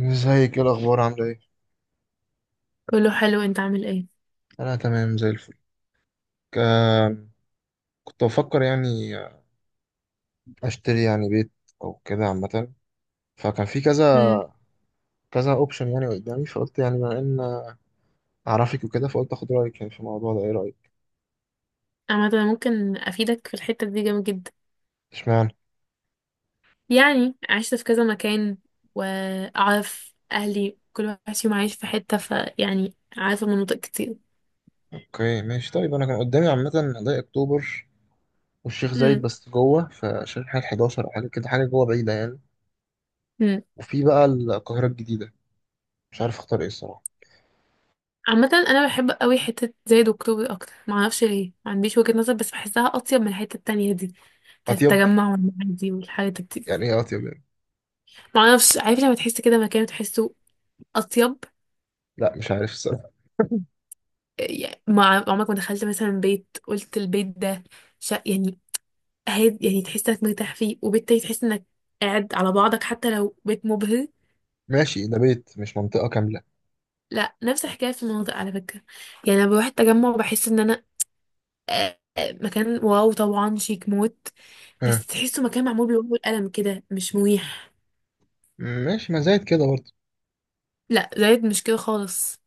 ازيك؟ ايه الاخبار؟ عامله ايه؟ كله حلو. انت عامل ايه؟ انا تمام زي الفل. ك- كنت بفكر يعني اشتري يعني بيت او كده عامه. فكان في كذا امم. كذا اوبشن يعني قدامي، فقلت يعني بما ان اعرفك وكده فقلت اخد رايك يعني في الموضوع ده. ايه رايك؟ عامة انا ممكن افيدك في الحتة دي جامد جدا. اشمعنى؟ يعني عشت في كذا مكان واعرف اهلي كل واحد فيهم عايش في حتة، فيعني عارفة مناطق كتير. اوكي، ماشي. طيب انا كان قدامي عامه ضيق اكتوبر والشيخ زايد، امم. بس جوه في شارع حاجه 11 او حاجه كده، حاجه جوه بعيده يعني. امم. وفي بقى القاهره الجديده. مش عارف اختار ايه الصراحه. عامة انا بحب قوي حتة زايد واكتوبر اكتر، معرفش ليه، ما عنديش وجهة نظر بس بحسها اطيب من الحتة التانية دي بتاعت اطيب؟ التجمع والمعادي والحاجات دي. يعني ايه اطيب يعني؟ معرفش، عارف لما تحس كده مكان وتحسه اطيب؟ لا مش عارف الصراحه. يعني ما عمرك ما دخلت مثلا بيت قلت البيت ده شا يعني هادي، يعني تحس انك مرتاح فيه وبالتالي تحس انك قاعد على بعضك حتى لو بيت مبهر. ماشي، ده بيت مش منطقه كامله. لا، نفس الحكايه في المناطق على فكره. يعني انا بروح التجمع بحس ان انا مكان واو طبعا، شيك موت، بس تحسه مكان معمول بالورق والقلم كده، مش مريح. ماشي، ما زايد كده برضه. لا زايد مش كده خالص،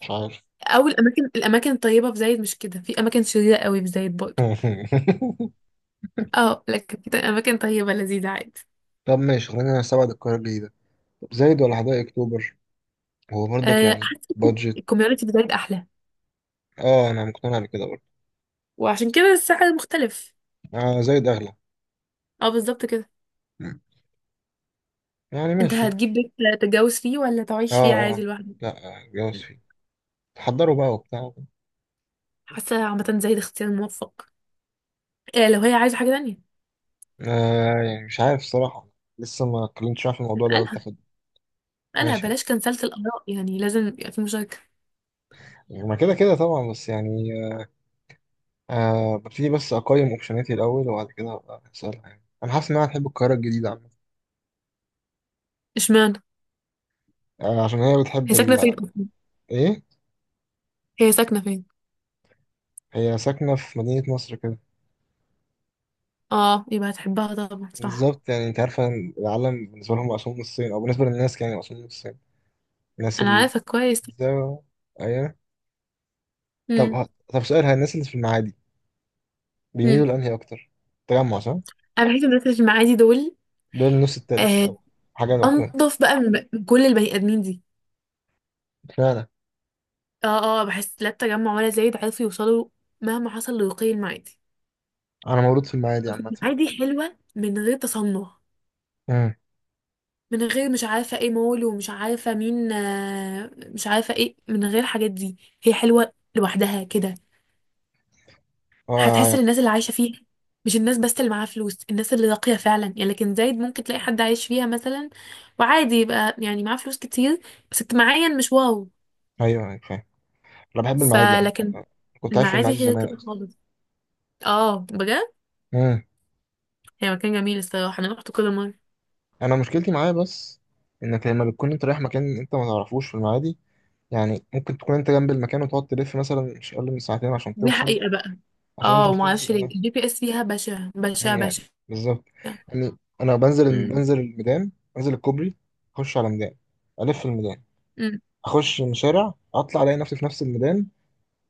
مش عارف. او الاماكن الطيبه في زايد مش كده، في اماكن شريره قوي في زايد برضه. اه لكن في اماكن طيبه لذيذه عادي. طب ماشي، خلينا نستبعد القرار الجديد ده. طب زايد ولا حدائق اكتوبر؟ هو برضك يعني حاسه بادجت. الكوميونتي في زايد احلى اه انا مقتنع بكده برضه. وعشان كده السعر مختلف. آه زايد اغلى. اه بالظبط كده. مم. يعني انت ماشي. هتجيب بيت تتجوز فيه ولا اه. تعيش فيه عادي اه. لوحدك؟ لا جواز فيه. تحضروا بقى وبتاع. حاسه عامه زي ده اختيار موفق. إيه لو هي عايزه حاجه تانية؟ آه يعني مش عارف الصراحة، لسه ما اتكلمتش معاه في الموضوع ده، قلت اسالها. اخد. اسالها، ماشي، بلاش كنسلت الاراء، يعني لازم يبقى في مشاركه. يعني ما كده كده طبعا، بس يعني آه ببتدي بس اقيم اوبشناتي الاول وبعد كده ابقى اسالها. يعني انا حاسس انها هتحب القاهرة الجديدة عامة. اشمعنى؟ آه عشان هي بتحب هي ال... ساكنه فين اصلا؟ ايه. هي ساكنه فين؟ هي ساكنة في مدينة نصر كده. اه، يبقى هتحبها طبعا، صح. بالظبط. يعني انت عارفة ان العالم بالنسبة لهم مقسوم نصين، او بالنسبة للناس يعني مقسوم نصين. الناس انا ال... عارفه كويس. ده- ايوه. طب امم. طب سؤال، هي الناس اللي في المعادي امم. بيميلوا لأنهي أكتر؟ تجمع صح؟ انا بحس الناس اللي معادي دول دول النص التالت آه، أو حاجة لوحدهم. انضف بقى من كل البني ادمين دي. فعلا. اه اه، بحس لا التجمع ولا زايد عرفوا يوصلوا مهما حصل لرقي المعادي. أنا مولود في المعادي عامة. المعادي حلوه من غير تصنع، امم. من غير مش عارفة ايه مول، ومش عارفة مين مش عارفة ايه، من غير الحاجات دي هي حلوة لوحدها كده. هتحس آه. الناس اللي عايشة فيها، مش الناس بس اللي معاها فلوس، الناس اللي راقية فعلا يعني، لكن زايد ممكن تلاقي حد عايش فيها مثلا وعادي يبقى يعني معاه فلوس كتير بس اجتماعيا مش واو. أيوه، فاهم. أنا بحب المعادي عامة. فلكن كنت عايش في المعادي المعادي غير زمان كده أصلا. خالص. اه بجد، امم. هي مكان جميل الصراحة، انا رحت كل مرة. أنا مشكلتي معاه بس إنك لما بتكون أنت رايح مكان أنت ما تعرفوش في المعادي، يعني ممكن تكون انت جنب المكان وتقعد تلف مثلا مش اقل من ساعتين عشان دي توصل. حقيقة بقى. عشان انت اه، ومعرفش بتنزل، ليه اه. الجي بي اس فيها بشع بشع يعني يعني بشع. بالظبط يعني. انا بنزل الميدان، بنزل الكوبري، اخش على ميدان، الف الميدان، مم. اخش من شارع، اطلع الاقي نفسي في نفس الميدان،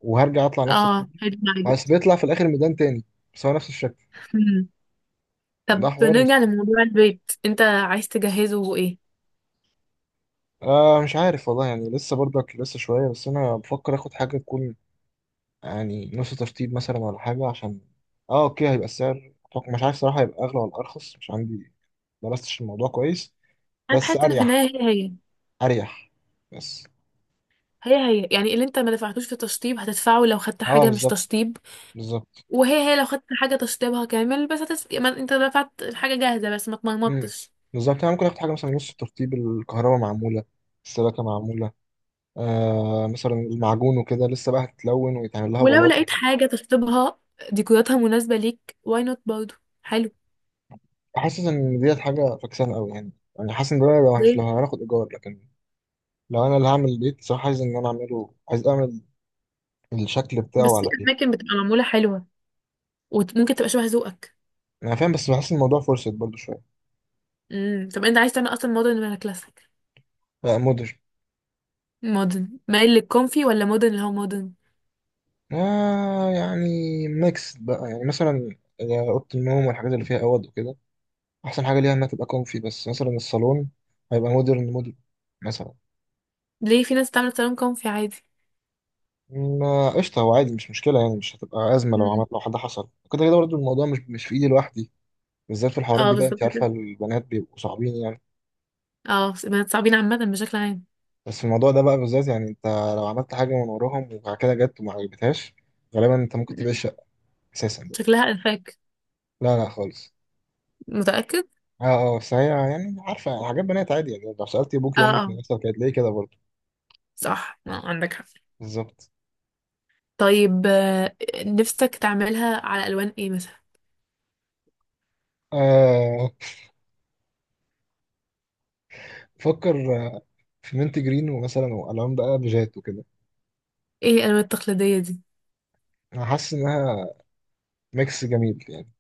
وهرجع اطلع نفس اه الكوبري. هيد جايدد. بس بيطلع في الاخر ميدان تاني، بس هو نفس الشكل. ده طب حوار نرجع مستفز. لموضوع البيت، انت عايز تجهزه ايه؟ آه مش عارف والله، يعني لسه برضك لسه شويه. بس انا بفكر اخد حاجه تكون يعني نص ترتيب مثلا ولا حاجة، عشان اه اوكي، هيبقى السعر أتوقع... مش عارف صراحة هيبقى أغلى ولا أرخص، مش عندي درستش الموضوع كويس. انا بس بحس ان في أريح. النهايه أريح بس. هي هي هي يعني اللي انت ما دفعتوش في تشطيب هتدفعه لو خدت اه حاجه مش بالظبط. تشطيب، بالظبط. وهي لو خدت حاجه تشطيبها كامل بس ما انت دفعت الحاجه جاهزه بس ما مم. اتمرمطتش. بالظبط. يعني ممكن آخد حاجة مثلا نص ترتيب، الكهرباء معمولة، السباكة معمولة، آه مثلا المعجون وكده لسه بقى، هتتلون ويتعمل لها ولو بلاط لقيت وكده. حاجه تشطيبها ديكوراتها مناسبه ليك، واي نوت، برضه حلو. حاسس إن ديت حاجة فكسانة أوي يعني، يعني حاسس إن ده هيبقى وحش لو ليه؟ هناخد إيجار. لكن لو أنا اللي هعمل البيت صراحة، عايز إن أنا أعمله، عايز أعمل الشكل بتاعه بس في على... اماكن بتبقى معموله حلوه وممكن تبقى شبه ذوقك. انا فاهم، بس بحس الموضوع فرصة برضو شويه. امم. طب انت عايز تعمل اصلا مودرن ولا كلاسيك؟ بقى مودرن. مودرن مايل للكونفي ولا مودرن اللي هو مودرن؟ آه يعني ميكس بقى، يعني مثلا اوضه النوم والحاجات اللي فيها اوض وكده احسن حاجه ليها انها تبقى كومفي، بس مثلا الصالون هيبقى مودرن مودرن مثلا. ليه؟ في ناس بتعمل صالون كونفي عادي. ما قشطه، هو عادي مش مشكله. يعني مش هتبقى ازمه لو مم. عملت، لو حد حصل كده كده برضو الموضوع مش في ايدي لوحدي. بالذات في الحوارات اه دي بقى، بالظبط انت عارفه كده. البنات بيبقوا صعبين يعني. اه، بنات صعبين عامة بشكل عام. بس في الموضوع ده بقى بالذات يعني انت لو عملت حاجه من وراهم وبعد كده جت وما عجبتهاش، غالبا انت ممكن تبيع مم. الشقه اساسا بقى. شكلها انفاك. لا لا خالص. متأكد؟ اه. اه بس هي يعني عارفة حاجات بنات عادي، يعني لو سألتي أبوكي اه وأمك من اه، نفسك هتلاقيه كده برضه. صح، آه عندك حق. بالظبط. طيب، نفسك تعملها على الوان ايه مثلا؟ آه فكر. آه، في مينت جرين ومثلا، وألوان بقى بيجات وكده. ايه الالوان التقليدية دي؟ أنا حاسس إنها ميكس جميل يعني،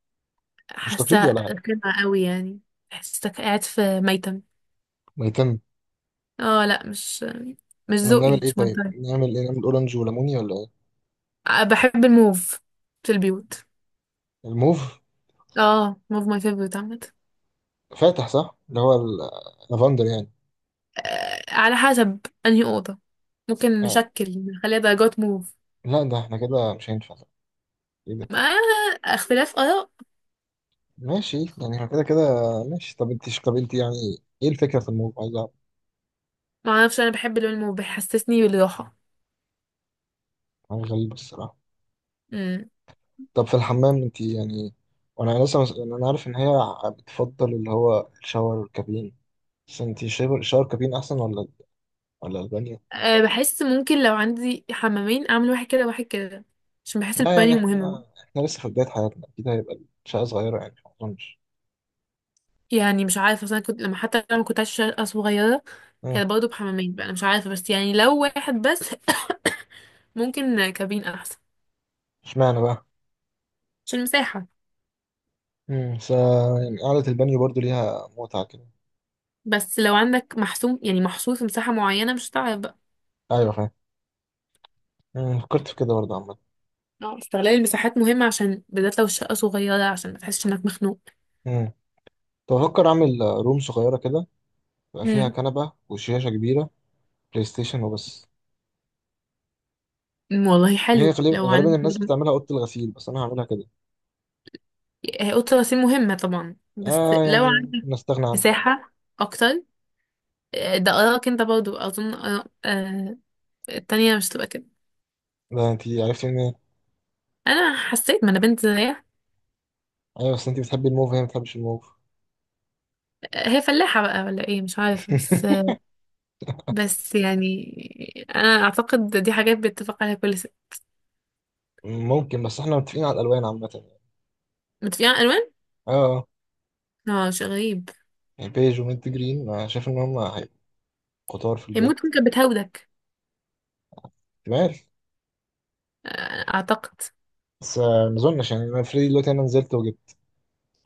مش حاسة تقليدي ولا حاجة. قمع قوي يعني. حاسك قاعد في ميتم. ميتم؟ اه لا، مش ما نعمل ذوقي، إيه؟ مش ماي طيب نعمل إيه؟ نعمل أورنج وليموني ولا إيه؟ تايب. بحب الموف في البيوت. الموف اه، موف ماي فيفورت عامة. فاتح صح، اللي هو اللافندر يعني. على حسب انهي اوضه، ممكن آه. نشكل نخليها درجات موف. لا ده إحنا كده مش هينفع. إيه ده؟ ما، اختلاف اراء. ماشي، يعني إحنا كده كده. ماشي. طب أنت، طب أنت يعني إيه الفكرة في الموف؟ عايز أعرف. ما اعرفش، انا بحب اللون الموف، بيحسسني بالراحه. أنا غريب الصراحة. امم. طب في الحمام انت يعني، وانا يعني انا عارف ان هي بتفضل اللي هو الشاور والكابين. بس انت شاور كابين احسن ولا ولا البانيو؟ أه، بحس ممكن لو عندي حمامين اعمل واحد كده وواحد كده، عشان بحس لا يعني البانيو مهمه. احنا لسه في بداية حياتنا، اكيد هيبقى الشقة صغيرة يعني، ما اظنش. يعني مش عارفه اصلا، كنت لما كنت عايشه صغيره اه. كان برضه بحمامين، بقى انا مش عارفه، بس يعني لو واحد بس ممكن كابين احسن اشمعنى بقى؟ عشان المساحه. امم س... يعني قعدة البانيو برضو ليها متعة كده. بس لو عندك محسوم، يعني محصور في مساحه معينه، مش هتعرف بقى. ايوه، فاهم. فكرت في كده برضه عامة. اه، استغلال المساحات مهم، عشان بالذات لو الشقة صغيرة عشان ما تحسش انك مخنوق. امم. كنت بفكر اعمل روم صغيرة كده، يبقى فيها امم. كنبة وشاشة كبيرة، بلاي ستيشن وبس. والله هي حلو غالبا لو غالبا عندك الناس برضه- بتعملها أوضة الغسيل، بس انا هعملها كده. هي اوضة الغسيل مهمة طبعا، بس اه لو يعني عندك نستغنى عنها. مساحة اكتر. ده ارائك انت برضو اظن، آراء التانية مش تبقى كده. ده انت عرفتي ان... انا حسيت، ما انا بنت زيها. ايوه بس انت بتحبي الموف وهي ما بتحبش الموف. هي فلاحة بقى ولا ايه، مش عارفة، بس بس يعني انا اعتقد دي حاجات بيتفق عليها كل ست. ممكن، بس احنا متفقين على الالوان عامه يعني. متفقين على الالوان، اه. اه. اه شيء غريب. يعني بيج ومنت جرين، شايف ان هم هيبقوا خطار في هي ممكن البيت. تكون كانت بتهودك، تمام. اعتقد. بس ما اظنش. يعني انا فريدي دلوقتي انا نزلت وجبت.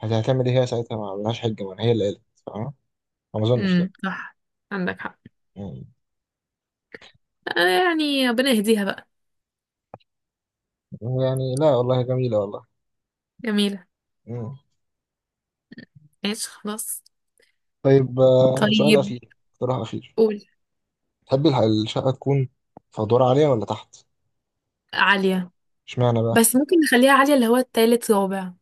هتعمل ايه هي ساعتها؟ ما عملهاش حجه، ما هي اللي قالت، فاهمة؟ ما اظنش لا. امم، صح، عندك حق. مم. آه يعني ربنا يهديها بقى. يعني لا والله جميله والله. جميلة. مم. ماشي، خلاص. طيب، سؤال طيب، اخير، اقتراح اخير. قول. تحبي الشقه تكون في ادوار عاليه ولا تحت؟ عالية. اشمعنى بقى؟ بس ممكن نخليها عالية اللي هو التالت رابع.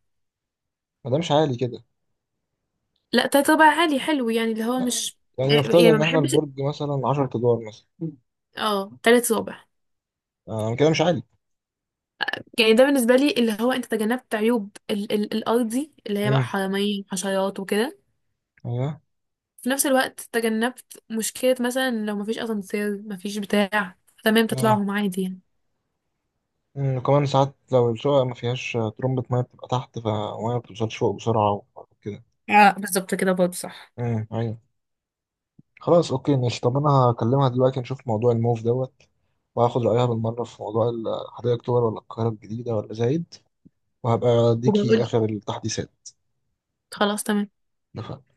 ما دامش عالي كده. لا، تالت رابع عالي حلو، يعني اللي هو لا، يعني مش يعني نفترض يعني ما ان احنا بحبش. البرج مثلا 10 ادوار مثلا. اه، تالت رابع. آه كده مش عالي. يعني ده بالنسبة لي، اللي هو انت تجنبت عيوب ال الأرضي اللي هي بقى امم. حرامية، حشرات، وكده. ايوه. في نفس الوقت تجنبت مشكلة مثلا لو مفيش أسانسير مفيش بتاع، تمام آه. تطلعهم عادي يعني. أمم، وكمان ساعات لو الشقة ما فيهاش ترمبة مية بتبقى تحت، فالمية ما بتوصلش فوق بسرعة وكده. اه بالظبط كده برضه صح. امم. ايوه. خلاص، اوكي، ماشي. طب انا هكلمها دلوقتي نشوف موضوع الموف دوت، وهاخد رأيها بالمرة في موضوع حدائق اكتوبر ولا القاهرة الجديدة ولا زايد. وهبقى اديكي وبقول، اخر التحديثات. خلاص تمام. اتفقنا؟